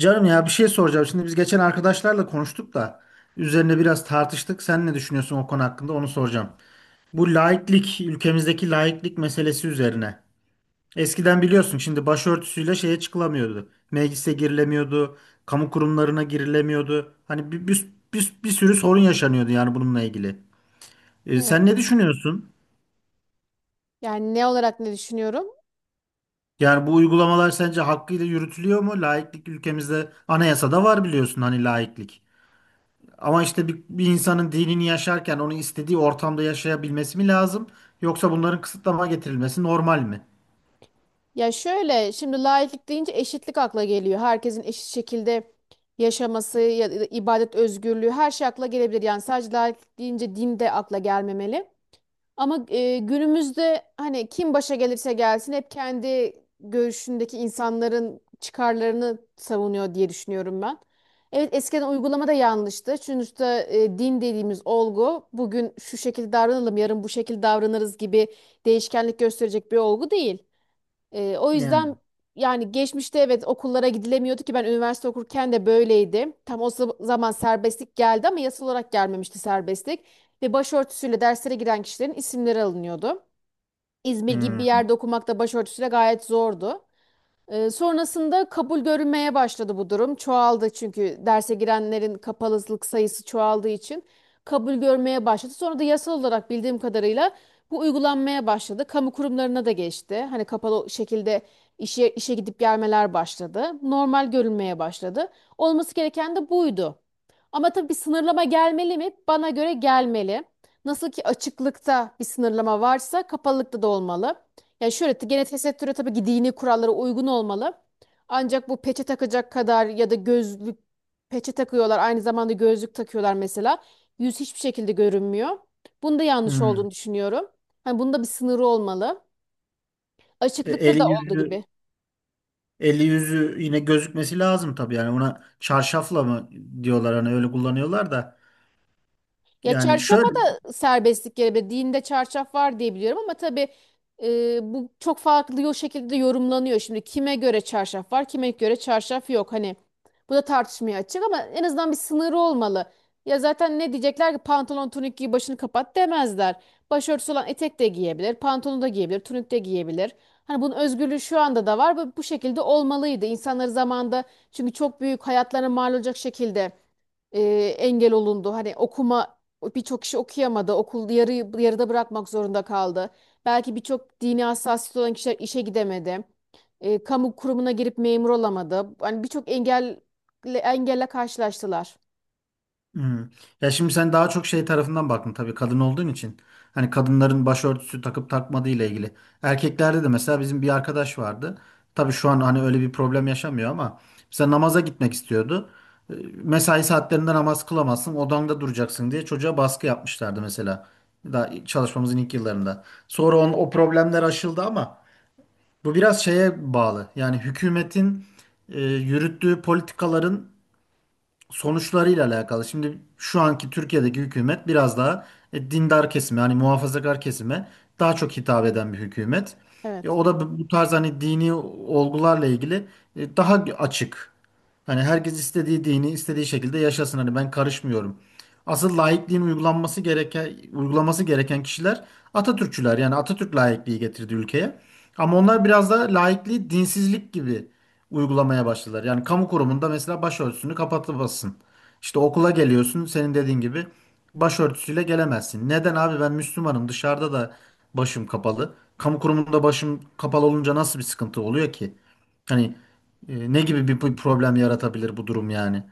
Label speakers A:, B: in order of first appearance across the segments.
A: Canım ya bir şey soracağım. Şimdi biz geçen arkadaşlarla konuştuk da üzerine biraz tartıştık. Sen ne düşünüyorsun o konu hakkında onu soracağım. Bu laiklik, ülkemizdeki laiklik meselesi üzerine. Eskiden biliyorsun şimdi başörtüsüyle şeye çıkılamıyordu. Meclise girilemiyordu, kamu kurumlarına girilemiyordu. Hani bir sürü sorun yaşanıyordu yani bununla ilgili.
B: Evet.
A: Sen ne düşünüyorsun?
B: Yani ne olarak ne düşünüyorum?
A: Yani bu uygulamalar sence hakkıyla yürütülüyor mu? Laiklik ülkemizde anayasada var biliyorsun hani laiklik. Ama işte bir insanın dinini yaşarken onu istediği ortamda yaşayabilmesi mi lazım? Yoksa bunların kısıtlama getirilmesi normal mi?
B: Ya şöyle, şimdi laiklik deyince eşitlik akla geliyor. Herkesin eşit şekilde yaşaması ya da ibadet özgürlüğü, her şey akla gelebilir. Yani sadece laiklik deyince din de akla gelmemeli. Ama günümüzde hani kim başa gelirse gelsin hep kendi görüşündeki insanların çıkarlarını savunuyor diye düşünüyorum ben. Evet, eskiden uygulamada yanlıştı. Sonuçta din dediğimiz olgu bugün şu şekilde davranalım yarın bu şekilde davranırız gibi değişkenlik gösterecek bir olgu değil. O
A: Yani.
B: yüzden yani geçmişte evet okullara gidilemiyordu ki ben üniversite okurken de böyleydi. Tam zaman serbestlik geldi ama yasal olarak gelmemişti serbestlik. Ve başörtüsüyle derslere giren kişilerin isimleri alınıyordu. İzmir gibi bir
A: Hmm.
B: yerde okumak da başörtüsüyle gayet zordu. Sonrasında kabul görünmeye başladı bu durum. Çoğaldı, çünkü derse girenlerin kapalılık sayısı çoğaldığı için kabul görmeye başladı. Sonra da yasal olarak bildiğim kadarıyla bu uygulanmaya başladı. Kamu kurumlarına da geçti. Hani kapalı şekilde işe gidip gelmeler başladı. Normal görünmeye başladı. Olması gereken de buydu. Ama tabii bir sınırlama gelmeli mi? Bana göre gelmeli. Nasıl ki açıklıkta bir sınırlama varsa kapalılıkta da olmalı. Ya şöyle, gene tesettüre tabii ki dini kurallara uygun olmalı. Ancak bu peçe takacak kadar ya da gözlük, peçe takıyorlar aynı zamanda gözlük takıyorlar mesela. Yüz hiçbir şekilde görünmüyor. Bunda yanlış olduğunu
A: Hmm.
B: düşünüyorum. Hani bunda bir sınırı olmalı. Açıklıkta da
A: Eli
B: olduğu
A: yüzü
B: gibi.
A: eli yüzü yine gözükmesi lazım tabii yani ona çarşafla mı diyorlar hani öyle kullanıyorlar da.
B: Ya
A: Yani
B: çarşafa
A: şöyle.
B: da serbestlik gelebilir. Dinde çarşaf var diye biliyorum ama tabii bu çok farklı o şekilde yorumlanıyor. Şimdi kime göre çarşaf var, kime göre çarşaf yok. Hani bu da tartışmaya açık ama en azından bir sınırı olmalı. Ya zaten ne diyecekler ki, pantolon tunik giy başını kapat demezler. Başörtüsü olan etek de giyebilir, pantolonu da giyebilir, tunik de giyebilir. Hani bunun özgürlüğü şu anda da var ve bu şekilde olmalıydı. İnsanları zamanda, çünkü çok büyük hayatlarına mal olacak şekilde e, engel olundu. Hani okuma, birçok kişi okuyamadı. Okul yarıda bırakmak zorunda kaldı. Belki birçok dini hassasiyet olan kişiler işe gidemedi. Kamu kurumuna girip memur olamadı. Hani birçok engelle karşılaştılar.
A: Hmm. Ya şimdi sen daha çok şey tarafından baktın tabii kadın olduğun için. Hani kadınların başörtüsü takıp takmadığı ile ilgili. Erkeklerde de mesela bizim bir arkadaş vardı. Tabii şu an hani öyle bir problem yaşamıyor ama mesela namaza gitmek istiyordu. Ee, Mesai saatlerinde namaz kılamazsın, odanda duracaksın diye çocuğa baskı yapmışlardı mesela. Daha çalışmamızın ilk yıllarında. Sonra o problemler aşıldı ama bu biraz şeye bağlı. Yani hükümetin yürüttüğü politikaların sonuçlarıyla alakalı. Şimdi şu anki Türkiye'deki hükümet biraz daha dindar kesime, hani muhafazakar kesime daha çok hitap eden bir hükümet.
B: Evet.
A: O da bu tarz hani dini olgularla ilgili daha açık. Hani herkes istediği dini istediği şekilde yaşasın. Hani ben karışmıyorum. Asıl laikliğin uygulanması gereken uygulaması gereken kişiler Atatürkçüler. Yani Atatürk laikliği getirdi ülkeye. Ama onlar biraz da laikliği dinsizlik gibi uygulamaya başladılar. Yani kamu kurumunda mesela başörtüsünü kapatırsın. İşte okula geliyorsun senin dediğin gibi başörtüsüyle gelemezsin. Neden abi ben Müslümanım dışarıda da başım kapalı. Kamu kurumunda başım kapalı olunca nasıl bir sıkıntı oluyor ki? Hani ne gibi bir problem yaratabilir bu durum yani?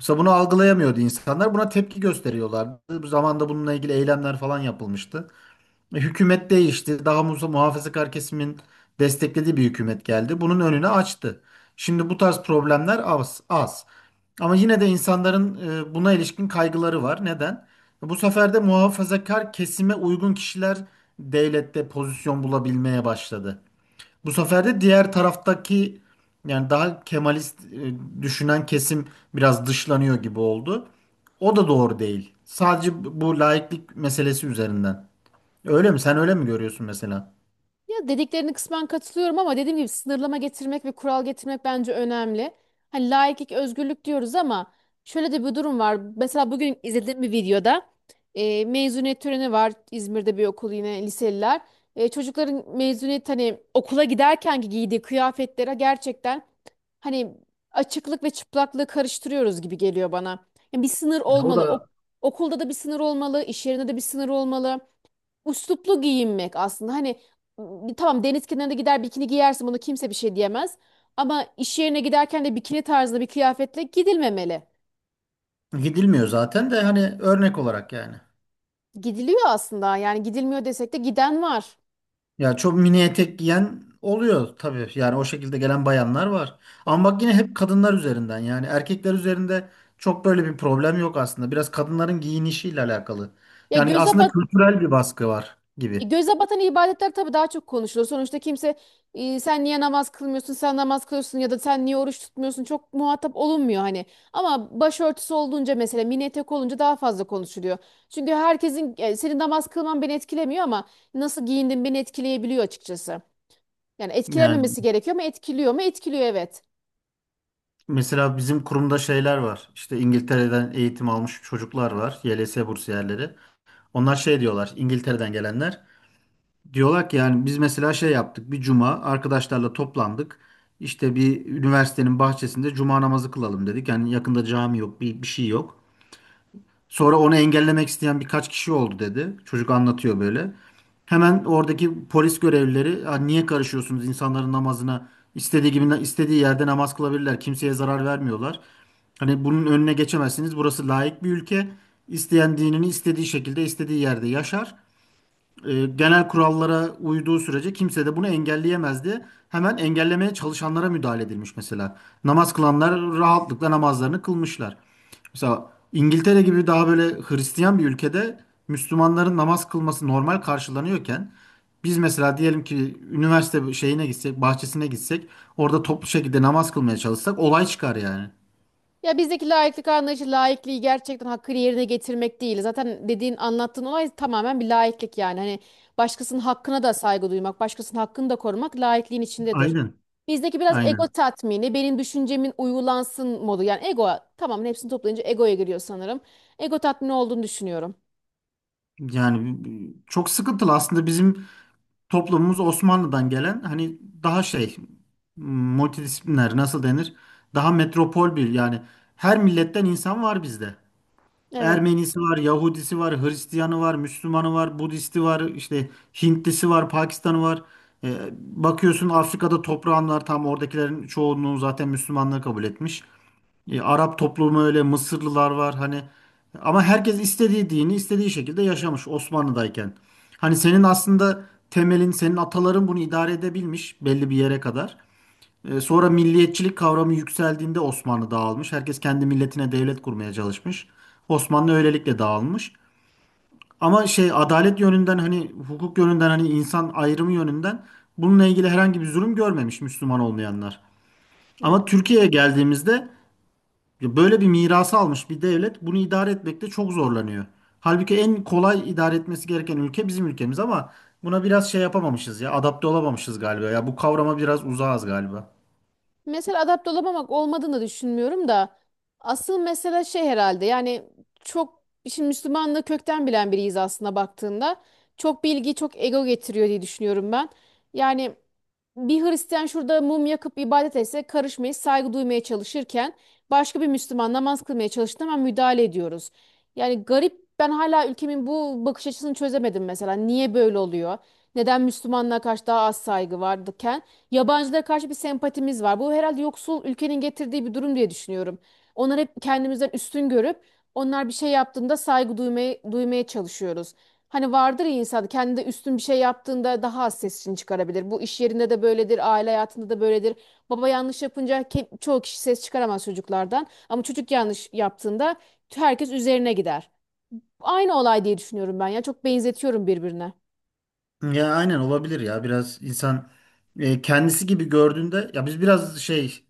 A: Mesela bunu algılayamıyordu insanlar. Buna tepki gösteriyorlardı. Bu zamanda bununla ilgili eylemler falan yapılmıştı. Hükümet değişti. Daha muhafazakar kesimin desteklediği bir hükümet geldi. Bunun önünü açtı. Şimdi bu tarz problemler az, az. Ama yine de insanların buna ilişkin kaygıları var. Neden? Bu sefer de muhafazakar kesime uygun kişiler devlette pozisyon bulabilmeye başladı. Bu sefer de diğer taraftaki yani daha Kemalist düşünen kesim biraz dışlanıyor gibi oldu. O da doğru değil. Sadece bu laiklik meselesi üzerinden. Öyle mi? Sen öyle mi görüyorsun mesela?
B: Ya dediklerine kısmen katılıyorum ama dediğim gibi sınırlama getirmek ve kural getirmek bence önemli. Hani laiklik, özgürlük diyoruz ama şöyle de bir durum var. Mesela bugün izlediğim bir videoda mezuniyet töreni var, İzmir'de bir okul, yine liseliler. Çocukların mezuniyet hani okula giderken ki giydiği kıyafetlere gerçekten hani açıklık ve çıplaklığı karıştırıyoruz gibi geliyor bana. Yani bir sınır
A: Ya o
B: olmalı.
A: da
B: Okulda da bir sınır olmalı, iş yerinde de bir sınır olmalı. Üsluplu giyinmek aslında. Hani tamam, deniz kenarında gider bikini giyersin, bunu kimse bir şey diyemez. Ama iş yerine giderken de bikini tarzında bir kıyafetle gidilmemeli.
A: gidilmiyor zaten de hani örnek olarak yani.
B: Gidiliyor aslında, yani gidilmiyor desek de giden var.
A: Ya çok mini etek giyen oluyor tabii. Yani o şekilde gelen bayanlar var. Ama bak yine hep kadınlar üzerinden yani erkekler üzerinde çok böyle bir problem yok aslında. Biraz kadınların giyinişiyle alakalı.
B: Ya
A: Yani
B: göze
A: aslında
B: bat
A: kültürel bir baskı var gibi.
B: Göze batan ibadetler tabii daha çok konuşulur. Sonuçta kimse sen niye namaz kılmıyorsun, sen namaz kılıyorsun ya da sen niye oruç tutmuyorsun çok muhatap olunmuyor hani. Ama başörtüsü olduğunca, mesela mini etek olunca daha fazla konuşuluyor. Çünkü herkesin senin namaz kılman beni etkilemiyor ama nasıl giyindin beni etkileyebiliyor açıkçası. Yani
A: Yani
B: etkilememesi gerekiyor mu? Etkiliyor mu? Etkiliyor, evet.
A: mesela bizim kurumda şeyler var. İşte İngiltere'den eğitim almış çocuklar var. YLS bursiyerleri. Onlar şey diyorlar İngiltere'den gelenler. Diyorlar ki yani biz mesela şey yaptık bir cuma arkadaşlarla toplandık. İşte bir üniversitenin bahçesinde cuma namazı kılalım dedik. Yani yakında cami yok bir şey yok. Sonra onu engellemek isteyen birkaç kişi oldu dedi. Çocuk anlatıyor böyle. Hemen oradaki polis görevlileri: "Ya niye karışıyorsunuz insanların namazına? İstediği gibi istediği yerde namaz kılabilirler. Kimseye zarar vermiyorlar. Hani bunun önüne geçemezsiniz. Burası laik bir ülke. İsteyen dinini istediği şekilde istediği yerde yaşar genel kurallara uyduğu sürece kimse de bunu engelleyemezdi." Hemen engellemeye çalışanlara müdahale edilmiş mesela. Namaz kılanlar rahatlıkla namazlarını kılmışlar. Mesela İngiltere gibi daha böyle Hristiyan bir ülkede Müslümanların namaz kılması normal karşılanıyorken biz mesela diyelim ki üniversite şeyine gitsek, bahçesine gitsek, orada toplu şekilde namaz kılmaya çalışsak olay çıkar yani.
B: Ya bizdeki laiklik anlayışı laikliği gerçekten hakkını yerine getirmek değil. Zaten dediğin anlattığın olay tamamen bir laiklik yani. Hani başkasının hakkına da saygı duymak, başkasının hakkını da korumak laikliğin içindedir.
A: Aynen.
B: Bizdeki biraz ego
A: Aynen.
B: tatmini, benim düşüncemin uygulansın modu. Yani ego, tamamen hepsini toplayınca egoya giriyor sanırım. Ego tatmini olduğunu düşünüyorum.
A: Yani çok sıkıntılı aslında bizim toplumumuz Osmanlı'dan gelen hani daha şey multidisipliner nasıl denir? Daha metropol bir yani her milletten insan var bizde.
B: Evet.
A: Ermenisi var, Yahudisi var, Hristiyanı var, Müslümanı var, Budisti var, işte Hintlisi var, Pakistanı var. Ee, bakıyorsun Afrika'da toprağın var. Tam oradakilerin çoğunluğu zaten Müslümanlığı kabul etmiş. E, Arap toplumu öyle, Mısırlılar var hani ama herkes istediği dini istediği şekilde yaşamış Osmanlı'dayken. Hani senin aslında temelin, senin ataların bunu idare edebilmiş belli bir yere kadar. Sonra milliyetçilik kavramı yükseldiğinde Osmanlı dağılmış. Herkes kendi milletine devlet kurmaya çalışmış. Osmanlı öylelikle dağılmış. Ama şey adalet yönünden hani hukuk yönünden hani insan ayrımı yönünden bununla ilgili herhangi bir zulüm görmemiş Müslüman olmayanlar. Ama
B: Evet.
A: Türkiye'ye geldiğimizde böyle bir mirası almış bir devlet bunu idare etmekte çok zorlanıyor. Halbuki en kolay idare etmesi gereken ülke bizim ülkemiz ama buna biraz şey yapamamışız ya adapte olamamışız galiba. Ya bu kavrama biraz uzağız galiba.
B: Mesela adapte olamamak olmadığını düşünmüyorum da asıl mesele şey herhalde, yani çok, şimdi Müslümanlığı kökten bilen biriyiz aslında baktığında. Çok bilgi çok ego getiriyor diye düşünüyorum ben. Yani bir Hristiyan şurada mum yakıp ibadet etse karışmayı, saygı duymaya çalışırken başka bir Müslüman namaz kılmaya çalıştığında hemen müdahale ediyoruz. Yani garip, ben hala ülkemin bu bakış açısını çözemedim mesela. Niye böyle oluyor? Neden Müslümanlara karşı daha az saygı vardıken yabancılara karşı bir sempatimiz var. Bu herhalde yoksul ülkenin getirdiği bir durum diye düşünüyorum. Onları hep kendimizden üstün görüp onlar bir şey yaptığında saygı duymaya çalışıyoruz. Hani vardır ya, insan kendi üstün bir şey yaptığında daha az sesini çıkarabilir. Bu iş yerinde de böyledir, aile hayatında da böyledir. Baba yanlış yapınca çoğu kişi ses çıkaramaz çocuklardan. Ama çocuk yanlış yaptığında herkes üzerine gider. Aynı olay diye düşünüyorum ben ya. Çok benzetiyorum birbirine.
A: Ya aynen olabilir ya biraz insan kendisi gibi gördüğünde ya biz biraz şey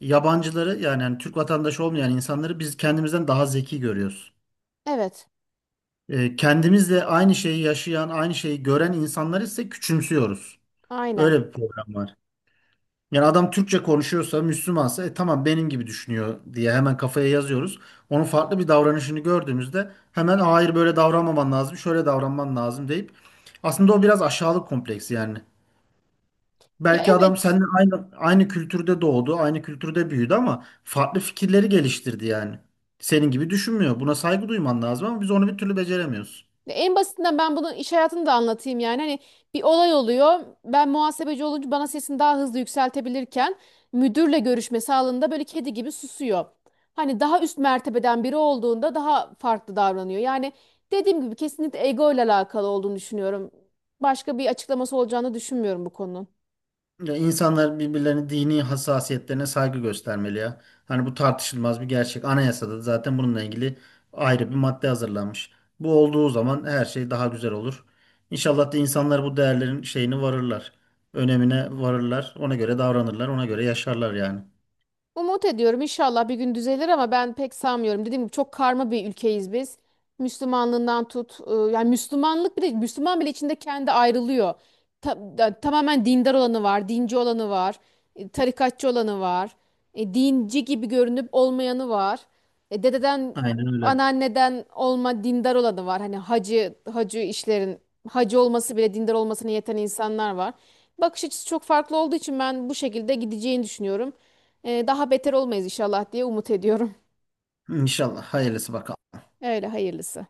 A: yabancıları yani, hani Türk vatandaşı olmayan insanları biz kendimizden daha zeki görüyoruz.
B: Evet,
A: Kendimizle aynı şeyi yaşayan aynı şeyi gören insanları ise küçümsüyoruz.
B: aynen.
A: Öyle bir problem var. Yani adam Türkçe konuşuyorsa, Müslümansa tamam benim gibi düşünüyor diye hemen kafaya yazıyoruz. Onun farklı bir davranışını gördüğümüzde hemen hayır böyle davranmaman lazım, şöyle davranman lazım deyip aslında o biraz aşağılık kompleksi yani.
B: Ya
A: Belki adam
B: evet.
A: seninle aynı kültürde doğdu, aynı kültürde büyüdü ama farklı fikirleri geliştirdi yani. Senin gibi düşünmüyor. Buna saygı duyman lazım ama biz onu bir türlü beceremiyoruz.
B: En basitinden ben bunu iş hayatını da anlatayım yani. Hani bir olay oluyor. Ben muhasebeci olunca bana sesini daha hızlı yükseltebilirken müdürle görüşmesi halinde böyle kedi gibi susuyor. Hani daha üst mertebeden biri olduğunda daha farklı davranıyor. Yani dediğim gibi kesinlikle ego ile alakalı olduğunu düşünüyorum. Başka bir açıklaması olacağını düşünmüyorum bu konunun.
A: Ya insanlar birbirlerinin dini hassasiyetlerine saygı göstermeli ya. Hani bu tartışılmaz bir gerçek. Anayasada da zaten bununla ilgili ayrı bir madde hazırlanmış. Bu olduğu zaman her şey daha güzel olur. İnşallah da insanlar bu değerlerin şeyini varırlar. Önemine varırlar. Ona göre davranırlar. Ona göre yaşarlar yani.
B: Umut ediyorum inşallah bir gün düzelir ama ben pek sanmıyorum. Dediğim gibi çok karma bir ülkeyiz biz. Müslümanlığından tut, yani Müslümanlık bile, Müslüman bile içinde kendi ayrılıyor. Tamamen dindar olanı var, dinci olanı var, tarikatçı olanı var, dinci gibi görünüp olmayanı var. Dededen,
A: Aynen öyle.
B: anneanneden olma dindar olanı var. Hani hacı işlerin hacı olması bile dindar olmasına yeten insanlar var. Bakış açısı çok farklı olduğu için ben bu şekilde gideceğini düşünüyorum. Daha beter olmayız inşallah diye umut ediyorum.
A: İnşallah. Hayırlısı bakalım.
B: Öyle hayırlısı.